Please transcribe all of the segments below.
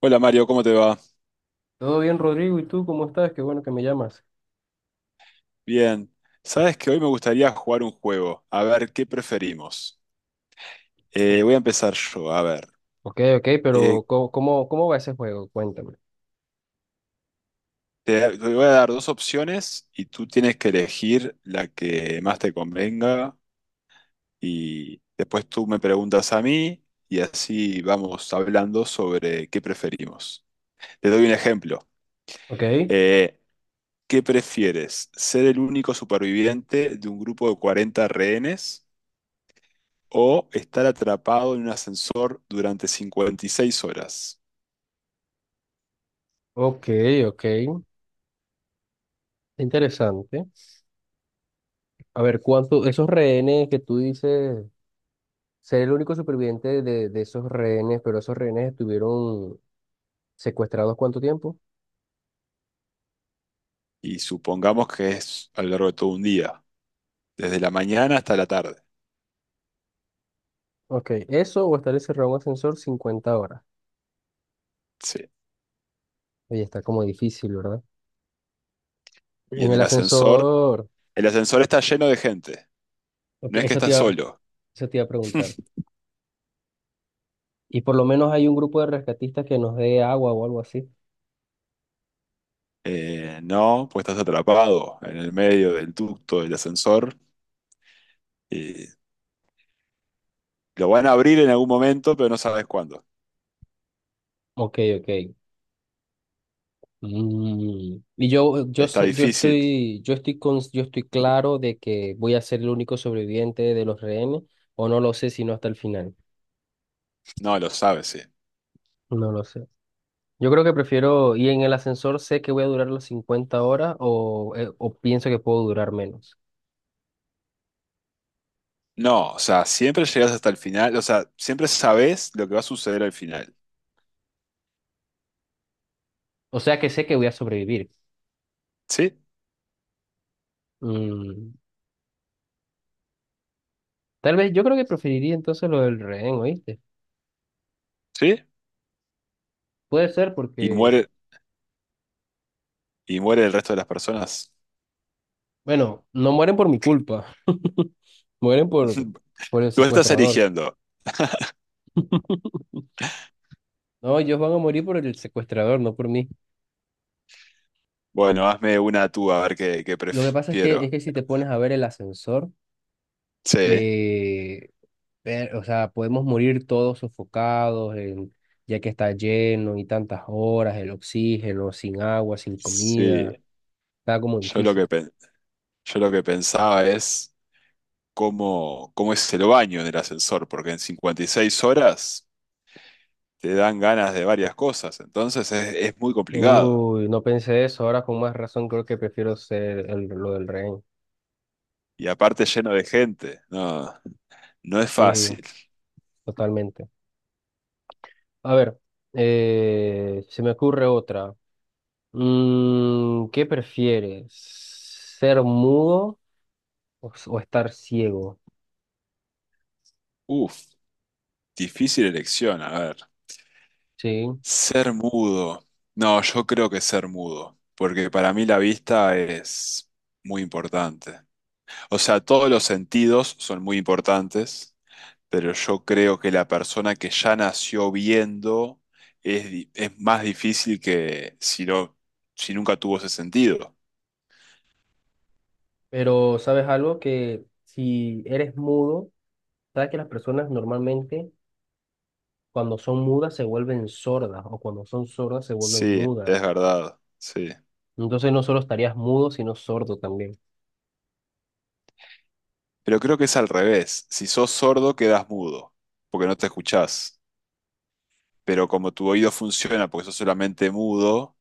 Hola Mario, ¿cómo te va? Todo bien, Rodrigo, ¿y tú cómo estás? Qué bueno que me llamas. Bien. Sabes que hoy me gustaría jugar un juego. A ver, ¿qué preferimos? Voy a empezar yo. A ver, Ok, ok, Eh, pero ¿cómo, cómo va ese juego? Cuéntame. te voy a dar dos opciones y tú tienes que elegir la que más te convenga y después tú me preguntas a mí y así vamos hablando sobre qué preferimos. Te doy un ejemplo. Ok, Eh, ¿Qué prefieres? ¿Ser el único superviviente de un grupo de 40 rehenes? ¿O estar atrapado en un ascensor durante 56 horas? ok, ok. Interesante. A ver, ¿cuánto, esos rehenes que tú dices, ser el único superviviente de esos rehenes, pero esos rehenes estuvieron secuestrados cuánto tiempo? Y supongamos que es a lo largo de todo un día, desde la mañana hasta la tarde. Ok, eso o estar encerrado en un ascensor 50 horas. Sí. Oye, está como difícil, ¿verdad? Y En en el ascensor. el ascensor está lleno de gente, Ok, no es que estás solo. eso te iba a preguntar. Y por lo menos hay un grupo de rescatistas que nos dé agua o algo así. No, pues estás atrapado en el medio del ducto del ascensor. Y lo van a abrir en algún momento, pero no sabes cuándo. Ok, ok. Mm, y yo, Está sé- difícil. Yo estoy con, yo estoy claro de que voy a ser el único sobreviviente de los rehenes, o no lo sé sino hasta el final. No, lo sabes, sí. No lo sé. Yo creo que prefiero, y en el ascensor sé que voy a durar las 50 horas o pienso que puedo durar menos. No, o sea, siempre llegas hasta el final, o sea, siempre sabes lo que va a suceder al final. O sea que sé que voy a sobrevivir. ¿Sí? Mm, tal vez yo creo que preferiría entonces lo del rehén, ¿oíste? ¿Sí? Puede ser y porque, muere, y muere el resto de las personas. bueno, no mueren por mi culpa, mueren por el Tú estás secuestrador. eligiendo. No, ellos van a morir por el secuestrador, no por mí. Bueno, hazme una tú a ver qué Lo que pasa es prefiero. que si te pones a ver el ascensor, Sí, eh, o sea, podemos morir todos sofocados, ya que está lleno y tantas horas, el oxígeno, sin agua, sin comida, sí. está como Yo lo que, difícil. pen- yo lo que pensaba es cómo es el baño en el ascensor, porque en 56 horas te dan ganas de varias cosas, entonces es muy complicado. Uy, no pensé eso, ahora con más razón creo que prefiero ser el, lo del rehén. Y aparte lleno de gente. No, no es Sí, fácil. totalmente. A ver, se me ocurre otra. Mm, ¿qué prefieres? ¿Ser mudo o, o estar ciego? Uf, difícil elección, a ver. ¿Sí? Ser mudo. No, yo creo que ser mudo, porque para mí la vista es muy importante. O sea, todos los sentidos son muy importantes, pero yo creo que la persona que ya nació viendo es, di- es más difícil que si no, si nunca tuvo ese sentido. Pero sabes algo que si eres mudo, sabes que las personas normalmente cuando son mudas se vuelven sordas o cuando son sordas se vuelven Sí, mudas. es verdad, sí. Entonces no solo estarías mudo, sino sordo también. Pero creo que es al revés. Si sos sordo, quedas mudo, porque no te escuchás. Pero como tu oído funciona porque sos solamente mudo,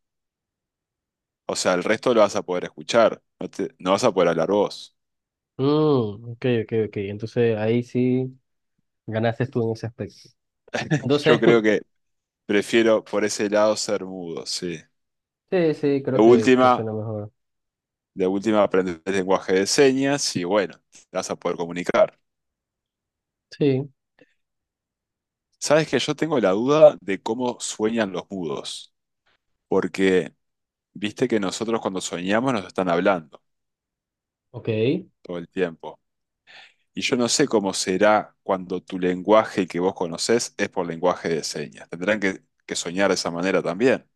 o sea, el resto lo vas a poder escuchar, no, te- no vas a poder hablar vos. Mm, ok, ok, ok. Entonces ahí sí ganaste tú en ese aspecto. Yo Entonces, creo que prefiero por ese lado ser mudo, sí. sí, sí, De creo que última, suena mejor. de última aprendes el lenguaje de señas y bueno, te vas a poder comunicar. Sí, Sabes que yo tengo la duda de cómo sueñan los mudos, porque viste que nosotros cuando soñamos nos están hablando ok. todo el tiempo. Y yo no sé cómo será cuando tu lenguaje que vos conocés es por lenguaje de señas. Tendrán que soñar de esa manera también.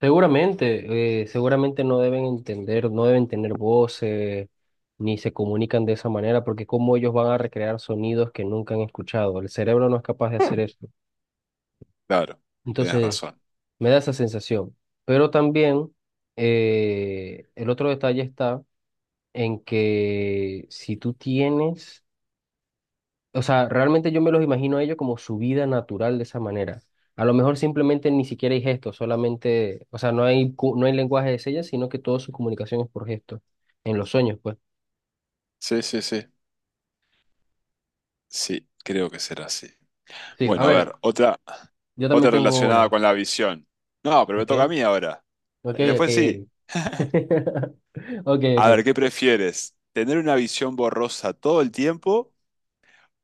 Seguramente, seguramente no deben entender, no deben tener voces, ni se comunican de esa manera, porque cómo ellos van a recrear sonidos que nunca han escuchado. El cerebro no es capaz de hacer eso. Claro, tienes Entonces, razón. me da esa sensación. Pero también, el otro detalle está en que si tú tienes. O sea, realmente yo me los imagino a ellos como su vida natural de esa manera. A lo mejor simplemente ni siquiera hay gestos, solamente, o sea, no hay, no hay lenguaje de señas, sino que toda su comunicación es por gestos, en los sueños, pues. Sí, sí, sí. Sí, creo que será así. Sí, a Bueno, a ver, ver, otra, yo también otra tengo relacionada una, con la visión. No, pero me ¿ok? toca a mí ahora. Ok, ok, Después sí. ok. Ok, ok. A ver, ¿qué prefieres? ¿Tener una visión borrosa todo el tiempo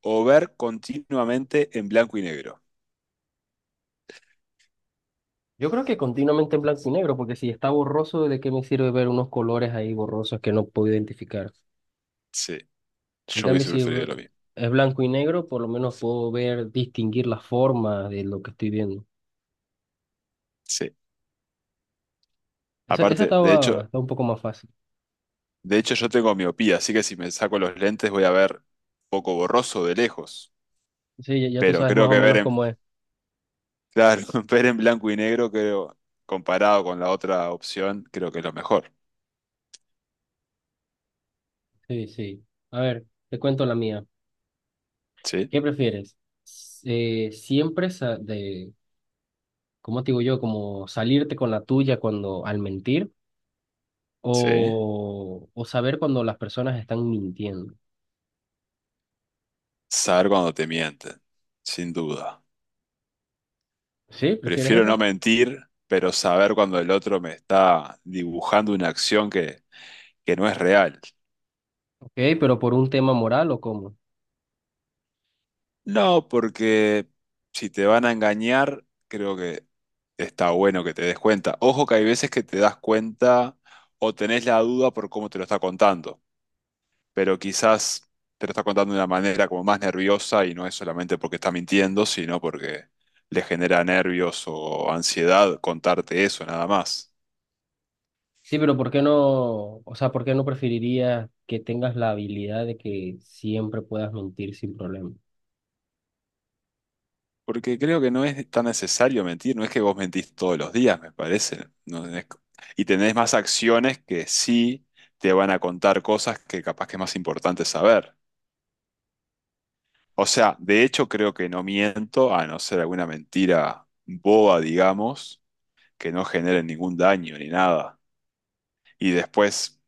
o ver continuamente en blanco y negro? Yo creo que continuamente en blanco y negro, porque si está borroso, ¿de qué me sirve ver unos colores ahí borrosos que no puedo identificar? Sí, En yo cambio, hubiese si preferido lo mismo. es blanco y negro, por lo menos puedo ver, distinguir las formas de lo que estoy viendo. Sí. Esa, Aparte, de hecho, está un poco más fácil. de hecho yo tengo miopía, así que si me saco los lentes voy a ver un poco borroso de lejos. Sí, ya, ya tú Pero sabes más creo o que ver menos en, cómo es. claro, ver en blanco y negro, creo, comparado con la otra opción, creo que es lo mejor. Sí, sí. A ver, te cuento la mía. Sí, ¿Qué prefieres? S- eh, siempre sa- de, ¿Cómo te digo yo? Como salirte con la tuya cuando al mentir sí. O saber cuando las personas están mintiendo. Saber cuando te mienten, sin duda. ¿Sí? ¿Prefieres Prefiero no eso? mentir, pero saber cuando el otro me está dibujando una acción que no es real. Ok, ¿pero por un tema moral o cómo? No, porque si te van a engañar, creo que está bueno que te des cuenta. Ojo que hay veces que te das cuenta o tenés la duda por cómo te lo está contando, pero quizás te lo está contando de una manera como más nerviosa y no es solamente porque está mintiendo, sino porque le genera nervios o ansiedad contarte eso nada más. Sí, pero ¿por qué no? O sea, ¿por qué no preferirías que tengas la habilidad de que siempre puedas mentir sin problema? Porque creo que no es tan necesario mentir, no es que vos mentís todos los días, me parece. No tenés- Y tenés más acciones que sí te van a contar cosas que capaz que es más importante saber. O sea, de hecho creo que no miento, a no ser alguna mentira boba, digamos, que no genere ningún daño ni nada. Y después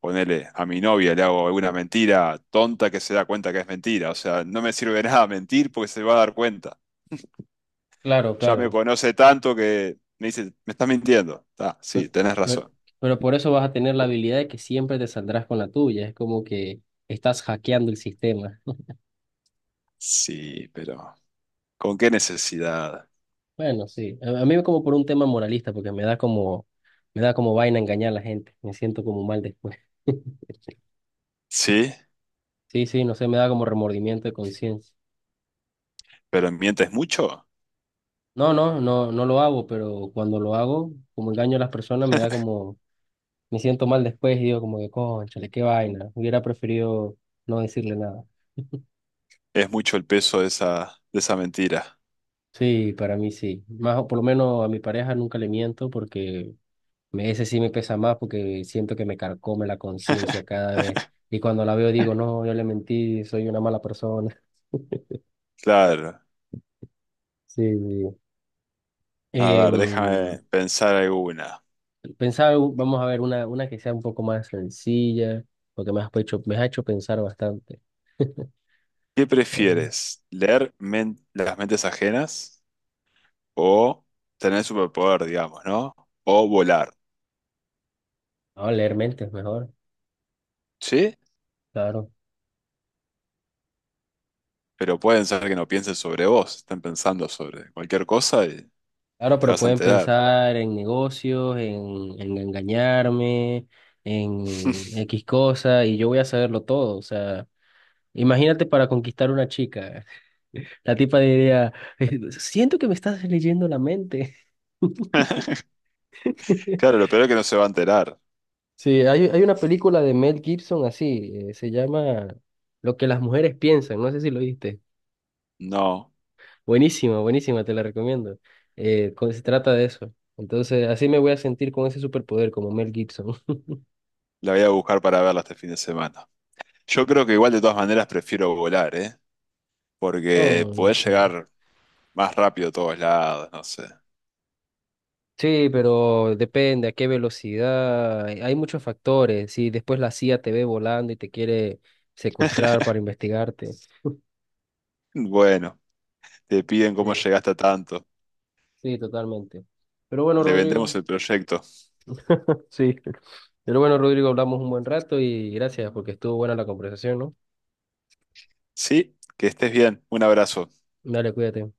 ponele, a mi novia le hago alguna mentira tonta que se da cuenta que es mentira. O sea, no me sirve de nada mentir porque se va a dar cuenta. Claro, Ya me claro. conoce tanto que me dice, me estás mintiendo. Ah, sí, Pe- tenés Pero, razón. pero por eso vas a tener la habilidad de que siempre te saldrás con la tuya. Es como que estás hackeando el sistema. Sí, pero ¿con qué necesidad? Bueno, sí. A mí como por un tema moralista, porque me da como vaina engañar a la gente. Me siento como mal después. Sí, Sí, sí, no sé, me da como remordimiento de conciencia. pero ¿mientes mucho? No, no, no, no lo hago, pero cuando lo hago, como engaño a las personas, me da como, me siento mal después y digo como que, cónchale, qué vaina. Hubiera preferido no decirle nada. Es mucho el peso de esa mentira. Sí, para mí sí. Más o por lo menos a mi pareja nunca le miento porque ese sí me pesa más porque siento que me carcome la conciencia cada vez. Y cuando la veo digo, no, yo le mentí, soy una mala persona. Claro. Sí, sí. A ver, Em, déjame pensar alguna. pensaba, vamos a ver, una que sea un poco más sencilla, porque me has hecho pensar bastante. ¿Qué Vamos prefieres? ¿Leer men- las mentes ajenas? ¿O tener superpoder, digamos, ¿no? O volar, a leer mentes mejor, ¿sí? claro. Pero pueden ser que no piensen sobre vos, estén pensando sobre cualquier cosa y Claro, te pero vas a pueden enterar. pensar en negocios, en engañarme, en X cosa, y yo voy a saberlo todo. O sea, imagínate para conquistar una chica. La tipa diría, siento que me estás leyendo la mente. Claro, lo peor es que no se va a enterar. Sí, hay una película de Mel Gibson así, se llama Lo que las mujeres piensan, no sé si lo viste. No, Buenísima, buenísima, te la recomiendo. Se trata de eso. Entonces, así me voy a sentir con ese superpoder como Mel Gibson. la voy a buscar para verla este fin de semana. Yo creo que igual de todas maneras prefiero volar, ¿eh? Porque No, no podés sé. llegar más rápido a todos lados, no sé. Sí, pero depende a qué velocidad. Hay hay muchos factores. Si después la CIA te ve volando y te quiere secuestrar para investigarte. Bueno, te piden Sí, cómo llegaste a tanto. sí, totalmente. Pero bueno, Le vendemos Rodrigo. el proyecto. Sí. Pero bueno, Rodrigo, hablamos un buen rato y gracias porque estuvo buena la conversación, ¿no? Sí, que estés bien. Un abrazo. Dale, cuídate.